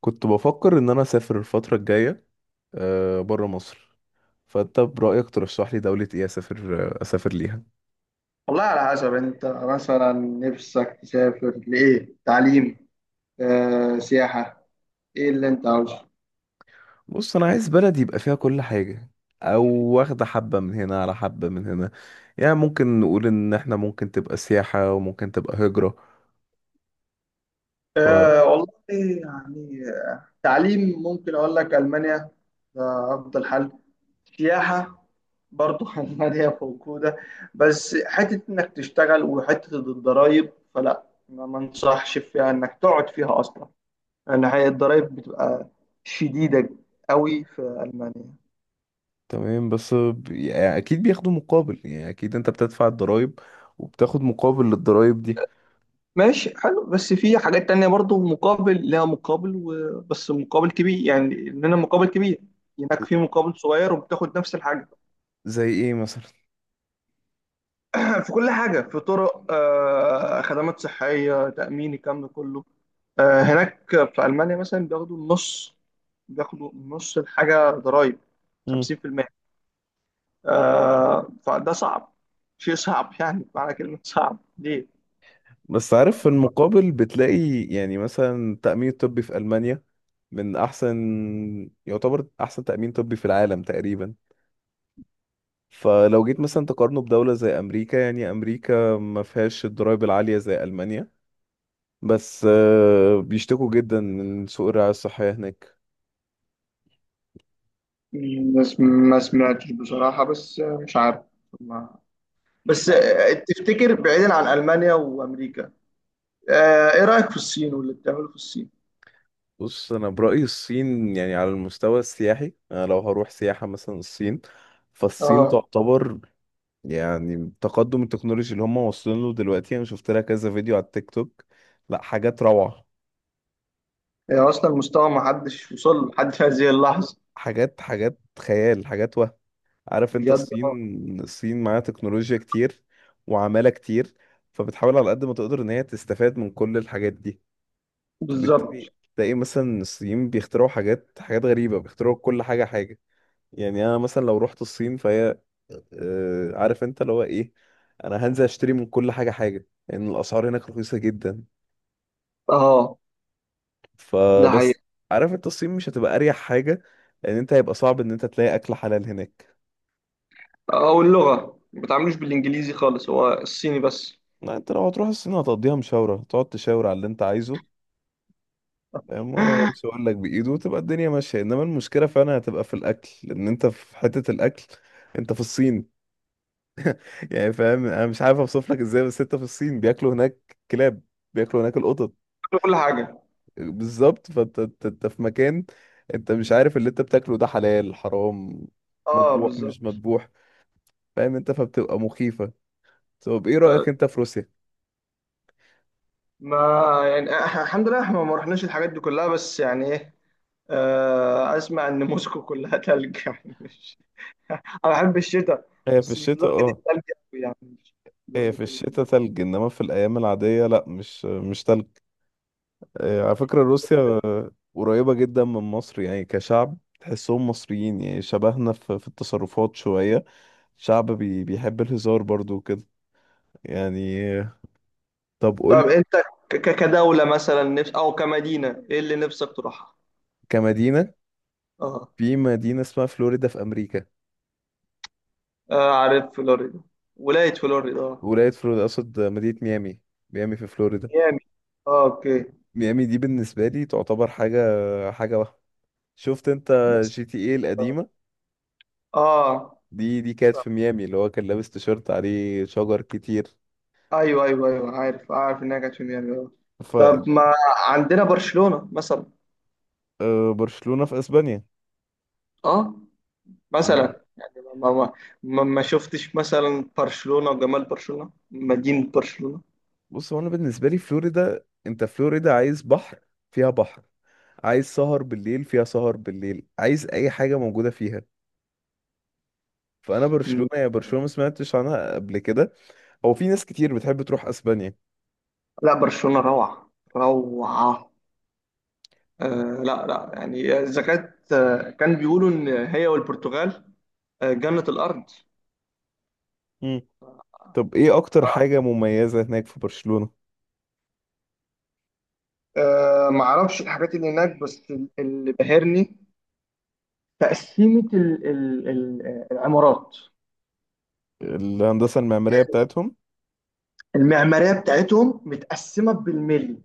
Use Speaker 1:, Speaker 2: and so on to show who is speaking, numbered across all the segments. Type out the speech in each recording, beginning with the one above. Speaker 1: كنت بفكر ان انا اسافر الفتره الجايه، بره مصر. فانت برايك ترشح لي دوله ايه اسافر، اسافر ليها؟
Speaker 2: والله، على حسب انت مثلا نفسك تسافر لايه. تعليم، سياحة، ايه اللي انت عاوزه؟
Speaker 1: بص، انا عايز بلد يبقى فيها كل حاجه، او واخده حبه من هنا على حبه من هنا. يعني ممكن نقول ان احنا ممكن تبقى سياحه وممكن تبقى هجره. ف
Speaker 2: والله يعني تعليم ممكن اقول لك المانيا. ده افضل حل. سياحة برضو المانيا موجودة. بس حتة انك تشتغل وحتة الضرايب فلا، ما انصحش فيها انك تقعد فيها اصلا، لان هي الضرايب بتبقى شديدة قوي في المانيا.
Speaker 1: تمام، بس يعني اكيد بياخدوا مقابل، يعني اكيد انت بتدفع الضرايب وبتاخد مقابل للضرايب دي.
Speaker 2: ماشي، حلو. بس في حاجات تانية برضو مقابل، لها مقابل بس مقابل كبير، يعني إننا مقابل كبير. هناك في مقابل صغير وبتاخد نفس الحاجة.
Speaker 1: زي ايه مثلا؟
Speaker 2: في كل حاجة، في طرق، خدمات صحية، تأمين، الكلام ده كله. هناك في ألمانيا مثلا بياخدوا النص، بياخدوا نص الحاجة ضرايب، 50%. فده صعب، شيء صعب. يعني معنى كلمة صعب ليه؟
Speaker 1: بس عارف، في المقابل بتلاقي يعني مثلا التأمين الطبي في ألمانيا من أحسن، يعتبر أحسن تأمين طبي في العالم تقريبا. فلو جيت مثلا تقارنه بدولة زي أمريكا، يعني أمريكا ما فيهاش الضرايب العالية زي ألمانيا، بس بيشتكوا جدا من سوء الرعاية الصحية هناك.
Speaker 2: ما سم- ما سمعتش بصراحة، بس مش عارف. ما بس
Speaker 1: آه،
Speaker 2: تفتكر بعيدا عن ألمانيا وأمريكا؟ إيه رأيك في الصين واللي بتعمله في الصين؟
Speaker 1: بص، أنا برأيي الصين يعني على المستوى السياحي، أنا لو هروح سياحة مثلا الصين، فالصين
Speaker 2: آه
Speaker 1: تعتبر يعني التقدم التكنولوجي اللي هم واصلين له دلوقتي، انا شفت لها كذا فيديو على التيك توك. لا حاجات روعة،
Speaker 2: هي أصلا مستوى ما حدش وصل له لحد هذه اللحظة.
Speaker 1: حاجات حاجات خيال، حاجات وهم. عارف انت،
Speaker 2: بجد، آه.
Speaker 1: الصين معاها تكنولوجيا كتير وعمالة كتير، فبتحاول على قد ما تقدر ان هي تستفاد من كل الحاجات دي.
Speaker 2: بالظبط.
Speaker 1: وبالتالي تلاقي مثلا الصين بيخترعوا حاجات حاجات غريبة، بيخترعوا كل حاجة حاجة. يعني انا مثلا لو رحت الصين فهي، عارف انت اللي هو ايه، انا هنزل اشتري من كل حاجة حاجة، لان الاسعار هناك رخيصة جدا.
Speaker 2: آه، ده
Speaker 1: فبس
Speaker 2: حقيقي.
Speaker 1: عارف انت الصين مش هتبقى اريح حاجه، لان انت هيبقى صعب ان انت تلاقي اكل حلال هناك.
Speaker 2: واللغة ما بتعاملوش بالإنجليزي خالص، هو الصيني بس.
Speaker 1: لا، انت لو هتروح الصين هتقضيها مشاوره، تقعد تشاور على اللي انت عايزه. فاهم؟ هو مش هيقول لك بايده وتبقى الدنيا ماشيه، انما المشكله فعلا هتبقى في الاكل، لان انت في حته الاكل، انت في الصين. يعني فاهم، انا مش عارف اوصف لك ازاي، بس انت في الصين بياكلوا هناك كلاب، بياكلوا هناك القطط.
Speaker 2: في كل حاجة.
Speaker 1: بالظبط، فانت انت في مكان، انت مش عارف اللي انت بتاكله ده حلال حرام،
Speaker 2: آه،
Speaker 1: مذبوح مش
Speaker 2: بالظبط.
Speaker 1: مذبوح. فاهم انت؟ فبتبقى مخيفه. طب ايه رأيك انت في روسيا؟
Speaker 2: ما يعني إحنا الحمد لله إحنا ما رحناش الحاجات دي كلها، بس يعني إيه. أسمع إن موسكو كلها تلج يعني مش انا بحب الشتاء.
Speaker 1: هي في
Speaker 2: بس مش
Speaker 1: الشتاء
Speaker 2: لدرجه
Speaker 1: اه،
Speaker 2: الثلج أوي يعني. مش
Speaker 1: هي
Speaker 2: لدرجه
Speaker 1: في الشتاء تلج، انما في الايام العادية لا، مش تلج. على فكرة روسيا قريبة جدا من مصر، يعني كشعب تحسهم مصريين، يعني شبهنا في التصرفات شوية، شعب بيحب الهزار برضو وكده. يعني طب قول.
Speaker 2: طب انت كدوله مثلا نفس، او كمدينه، ايه اللي نفسك تروحها؟
Speaker 1: كمدينة،
Speaker 2: اه.
Speaker 1: في مدينة اسمها فلوريدا في امريكا.
Speaker 2: آه، عارف فلوريدا. ولايه فلوريدا، اه.
Speaker 1: ولاية فلوريدا اقصد، مدينة ميامي، ميامي في فلوريدا.
Speaker 2: ميامي، اه، اوكي.
Speaker 1: ميامي دي بالنسبة لي تعتبر حاجة، حاجة واحدة. شفت انت
Speaker 2: بس
Speaker 1: جي تي ايه
Speaker 2: اه،
Speaker 1: القديمة؟
Speaker 2: آه،
Speaker 1: دي كانت في ميامي، اللي هو كان لابس تيشيرت عليه شجر كتير.
Speaker 2: ايوه، ايوه، ايوه، عارف، عارف انها كانت في ميامي، اه.
Speaker 1: ف
Speaker 2: طب، ما عندنا برشلونه مثلا.
Speaker 1: برشلونة في اسبانيا.
Speaker 2: اه.
Speaker 1: مم.
Speaker 2: مثلا يعني ما شفتش مثلا برشلونه وجمال برشلونه، مدينه برشلونه.
Speaker 1: بص، هو انا بالنسبة لي فلوريدا، انت فلوريدا عايز بحر، فيها بحر. عايز سهر بالليل، فيها سهر بالليل. عايز اي حاجة موجودة فيها. فانا برشلونة، يا برشلونة ما سمعتش عنها قبل كده. هو في ناس كتير بتحب تروح اسبانيا.
Speaker 2: لا، برشلونة روعة، روعة. لا، لا، يعني إذا كانت كان بيقولوا إن هي والبرتغال جنة الأرض.
Speaker 1: مم. طب ايه اكتر حاجة مميزة هناك في برشلونة؟
Speaker 2: ما أعرفش الحاجات اللي هناك، بس اللي بهرني تقسيمة ال ال ال العمارات.
Speaker 1: الهندسة المعمارية بتاعتهم؟
Speaker 2: المعمارية بتاعتهم متقسمة بالملي.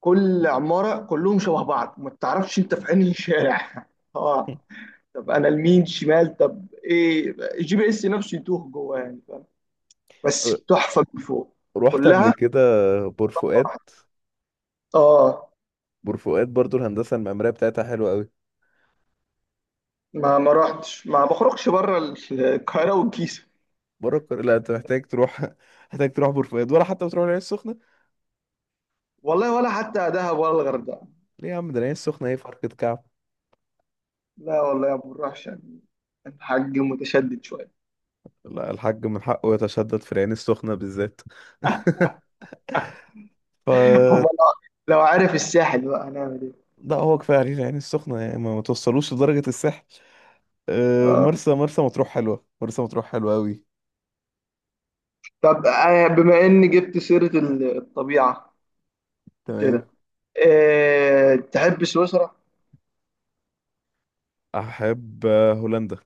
Speaker 2: كل عمارة كلهم شبه بعض، ما تعرفش أنت في أنهي شارع اه.
Speaker 1: مم.
Speaker 2: طب أنا لمين، شمال؟ طب إيه، الGPS نفسه يتوه جوه يعني. بس تحفة من فوق،
Speaker 1: رحت قبل
Speaker 2: كلها.
Speaker 1: كده بور فؤاد.
Speaker 2: اه.
Speaker 1: بورفؤاد برضو الهندسه المعماريه بتاعتها حلوه قوي.
Speaker 2: ما رحتش، ما بخرجش بره القاهرة والجيزة.
Speaker 1: بره القاهره؟ لا، انت محتاج تروح، محتاج تروح بورفؤاد، ولا حتى بتروح العين السخنه.
Speaker 2: والله، ولا حتى دهب ولا الغردقة.
Speaker 1: ليه يا عم؟ ده العين السخنه ايه فرقه كعب.
Speaker 2: لا والله ما بنروحش يعني، الحاج متشدد شوية.
Speaker 1: لا، الحاج من حقه يتشدد في العين السخنه بالذات. ف
Speaker 2: هم، لو عارف الساحل بقى هنعمل ايه؟
Speaker 1: لا، هو كفايه عليه العين السخنه، يعني ما توصلوش لدرجه الساحل. أه،
Speaker 2: اه.
Speaker 1: مرسى مطروح حلوه، مرسى مطروح حلوه قوي.
Speaker 2: طب بما اني جبت سيرة الطبيعة
Speaker 1: تمام.
Speaker 2: كده، تحب سويسرا؟
Speaker 1: احب هولندا.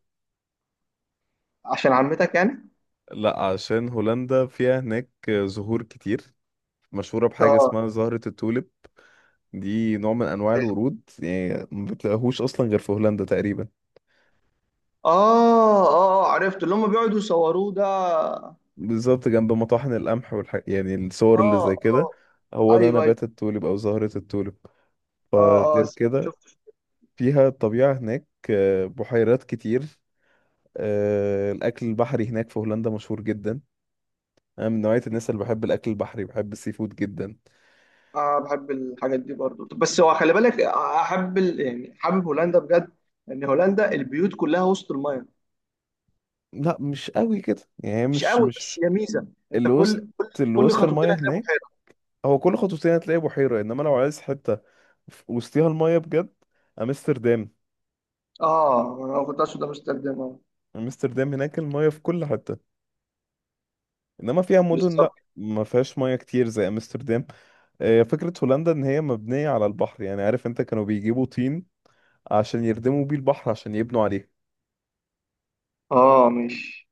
Speaker 2: عشان عمتك يعني؟
Speaker 1: لا، عشان هولندا فيها هناك زهور كتير، مشهوره بحاجه
Speaker 2: اه،
Speaker 1: اسمها زهره التوليب. دي نوع من انواع الورود، يعني ما بتلاقيهوش اصلا غير في هولندا تقريبا.
Speaker 2: اه، اه، عرفت اللي هم بيقعدوا يصوروه ده، اه.
Speaker 1: بالظبط، جنب مطاحن القمح يعني الصور اللي زي
Speaker 2: اه،
Speaker 1: كده، هو ده
Speaker 2: ايوه،
Speaker 1: نبات التوليب او زهرة التوليب.
Speaker 2: اه، اه،
Speaker 1: فغير كده
Speaker 2: شفت.
Speaker 1: فيها الطبيعة هناك، بحيرات كتير. الاكل البحري هناك في هولندا مشهور جدا. انا من نوعية الناس اللي بحب الاكل البحري، بحب السي فود جدا.
Speaker 2: اه، بحب الحاجات دي برضو. طب بس هو خلي بالك، احب يعني حابب هولندا بجد. لان هولندا البيوت كلها وسط المايه.
Speaker 1: لا مش قوي كده يعني،
Speaker 2: مش
Speaker 1: مش
Speaker 2: قوي
Speaker 1: مش
Speaker 2: بس هي ميزه. انت
Speaker 1: اللي وسط
Speaker 2: كل كل
Speaker 1: اللي
Speaker 2: كل
Speaker 1: وسط
Speaker 2: خطوتين
Speaker 1: المايه
Speaker 2: هتلاقي
Speaker 1: هناك.
Speaker 2: بحيره.
Speaker 1: هو كل خطوتين هتلاقي بحيرة، انما لو عايز حتة وسطيها المايه بجد، امستردام.
Speaker 2: اه، انا كنت اقصد امستردام، اه.
Speaker 1: امستردام هناك المايه في كل حته، انما فيها مدن لا
Speaker 2: بالظبط.
Speaker 1: ما فيهاش مايه كتير زي امستردام. فكره هولندا ان هي مبنيه على البحر، يعني عارف انت كانوا بيجيبوا طين عشان يردموا بيه البحر، عشان يبنوا عليه.
Speaker 2: اه مش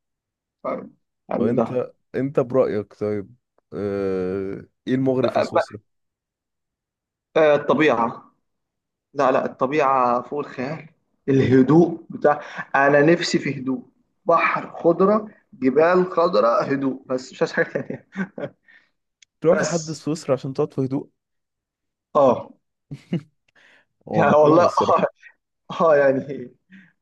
Speaker 2: طيب. حلو ده.
Speaker 1: فانت انت برايك طيب، ايه المغري في
Speaker 2: آه،
Speaker 1: سويسرا؟
Speaker 2: الطبيعه. لا، لا، الطبيعه فوق الخيال. الهدوء انا نفسي في هدوء. بحر، خضره، جبال خضراء، هدوء، بس مش عايز حاجه تانيه.
Speaker 1: تروح لحد
Speaker 2: بس
Speaker 1: سويسرا عشان تقعد في هدوء؟
Speaker 2: اه.
Speaker 1: هو
Speaker 2: يعني
Speaker 1: مقنع
Speaker 2: والله، اه.
Speaker 1: الصراحه.
Speaker 2: يعني،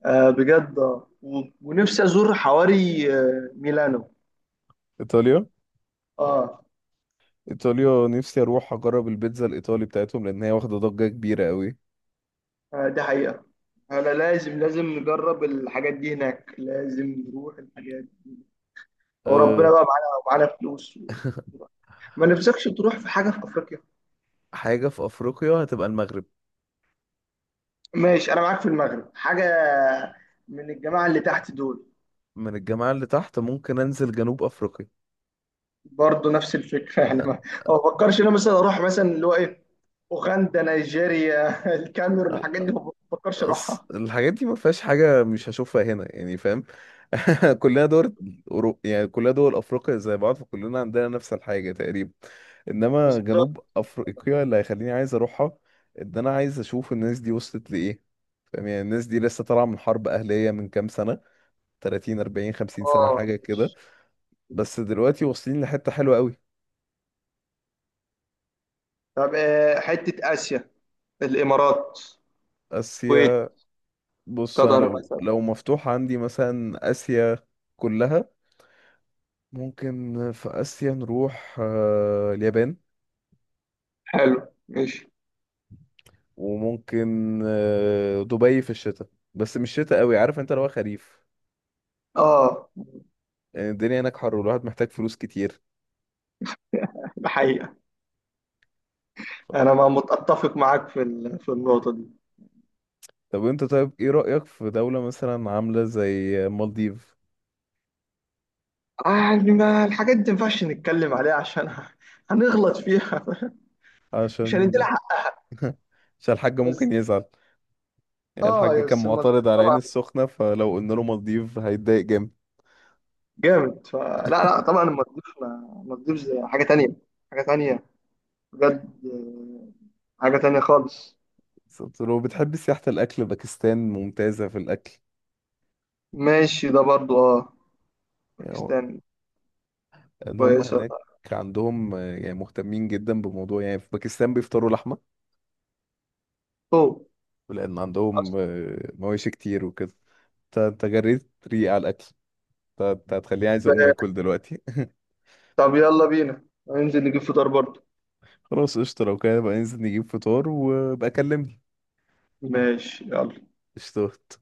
Speaker 2: بجد، آه. ونفسي ازور حواري ميلانو.
Speaker 1: ايطاليا،
Speaker 2: اه.
Speaker 1: ايطاليا نفسي اروح اجرب البيتزا الايطالي بتاعتهم، لان هي واخده ضجه كبيره قوي.
Speaker 2: دي حقيقة. انا لازم، لازم نجرب الحاجات دي هناك، لازم نروح الحاجات دي. وربنا
Speaker 1: أه.
Speaker 2: بقى معانا، ومعانا فلوس و... ما نفسكش تروح في حاجة في افريقيا؟
Speaker 1: حاجة في أفريقيا هتبقى المغرب.
Speaker 2: ماشي، انا معاك في المغرب. حاجة من الجماعة اللي تحت دول.
Speaker 1: من الجماعة اللي تحت، ممكن أنزل جنوب أفريقيا.
Speaker 2: برضه نفس الفكره يعني
Speaker 1: أه.
Speaker 2: ما بفكرش إن انا مثلا اروح، مثلا اللي هو ايه، اوغندا، نيجيريا الكاميرون،
Speaker 1: أه،
Speaker 2: الحاجات دي ما بفكرش اروحها.
Speaker 1: الحاجات دي ما فيهاش حاجة مش هشوفها هنا، يعني فاهم. كلنا دول يعني كلنا دول أفريقيا زي بعض، فكلنا عندنا نفس الحاجة تقريبا. إنما
Speaker 2: بالظبط.
Speaker 1: جنوب أفريقيا اللي هيخليني عايز أروحها، إن أنا عايز أشوف الناس دي وصلت لإيه. فاهم؟ يعني الناس دي لسه طالعة من حرب أهلية من كام سنة، 30 40 50 سنة
Speaker 2: اه،
Speaker 1: حاجة
Speaker 2: ماشي.
Speaker 1: كده. بس دلوقتي واصلين لحتة حلوة قوي.
Speaker 2: طب حته اسيا، الامارات، الكويت،
Speaker 1: آسيا؟ بص، انا
Speaker 2: قطر
Speaker 1: لو
Speaker 2: مثلا.
Speaker 1: لو مفتوح عندي مثلا اسيا كلها، ممكن في اسيا نروح اليابان،
Speaker 2: حلو، ماشي.
Speaker 1: وممكن دبي في الشتاء. بس مش شتاء قوي، عارف انت، لو خريف.
Speaker 2: اه،
Speaker 1: يعني الدنيا هناك حر، والواحد محتاج فلوس كتير.
Speaker 2: الحقيقه انا ما متفق معاك في في النقطه دي.
Speaker 1: طب انت طيب، ايه رأيك في دولة مثلا عاملة زي مالديف؟
Speaker 2: يعني ما الحاجات دي، ما ينفعش نتكلم عليها عشان هنغلط فيها. مش هندي
Speaker 1: عشان
Speaker 2: لها حق.
Speaker 1: عشان الحاج
Speaker 2: بس
Speaker 1: ممكن يزعل. يعني
Speaker 2: اه،
Speaker 1: الحاج
Speaker 2: يا
Speaker 1: كان
Speaker 2: بس المالديف
Speaker 1: معترض على عين
Speaker 2: طبعا
Speaker 1: السخنة، فلو قلنا له مالديف هيتضايق جامد.
Speaker 2: جامد. فلا، لا، لا، طبعا المالديف المالديف حاجه تانية، حاجه تانية، بجد حاجه تانية خالص.
Speaker 1: بالظبط. لو بتحب سياحة الأكل، باكستان ممتازة في الأكل.
Speaker 2: ماشي، ده برضو اه.
Speaker 1: يعني هو-
Speaker 2: باكستان
Speaker 1: إن هم
Speaker 2: كويسه.
Speaker 1: هناك عندهم يعني مهتمين جدا بموضوع، يعني في باكستان بيفطروا لحمة،
Speaker 2: اوه،
Speaker 1: لأن
Speaker 2: أصل
Speaker 1: عندهم مواشي كتير وكده. انت جريت ريق على الأكل، انت هتخليني عايز أقوم
Speaker 2: بقى-
Speaker 1: آكل دلوقتي.
Speaker 2: طب يلا بينا هننزل نجيب فطار برضو.
Speaker 1: خلاص قشطة، لو كده بقى ننزل نجيب فطار، وبقى كلمني.
Speaker 2: ماشي، يلا.
Speaker 1: قشطة.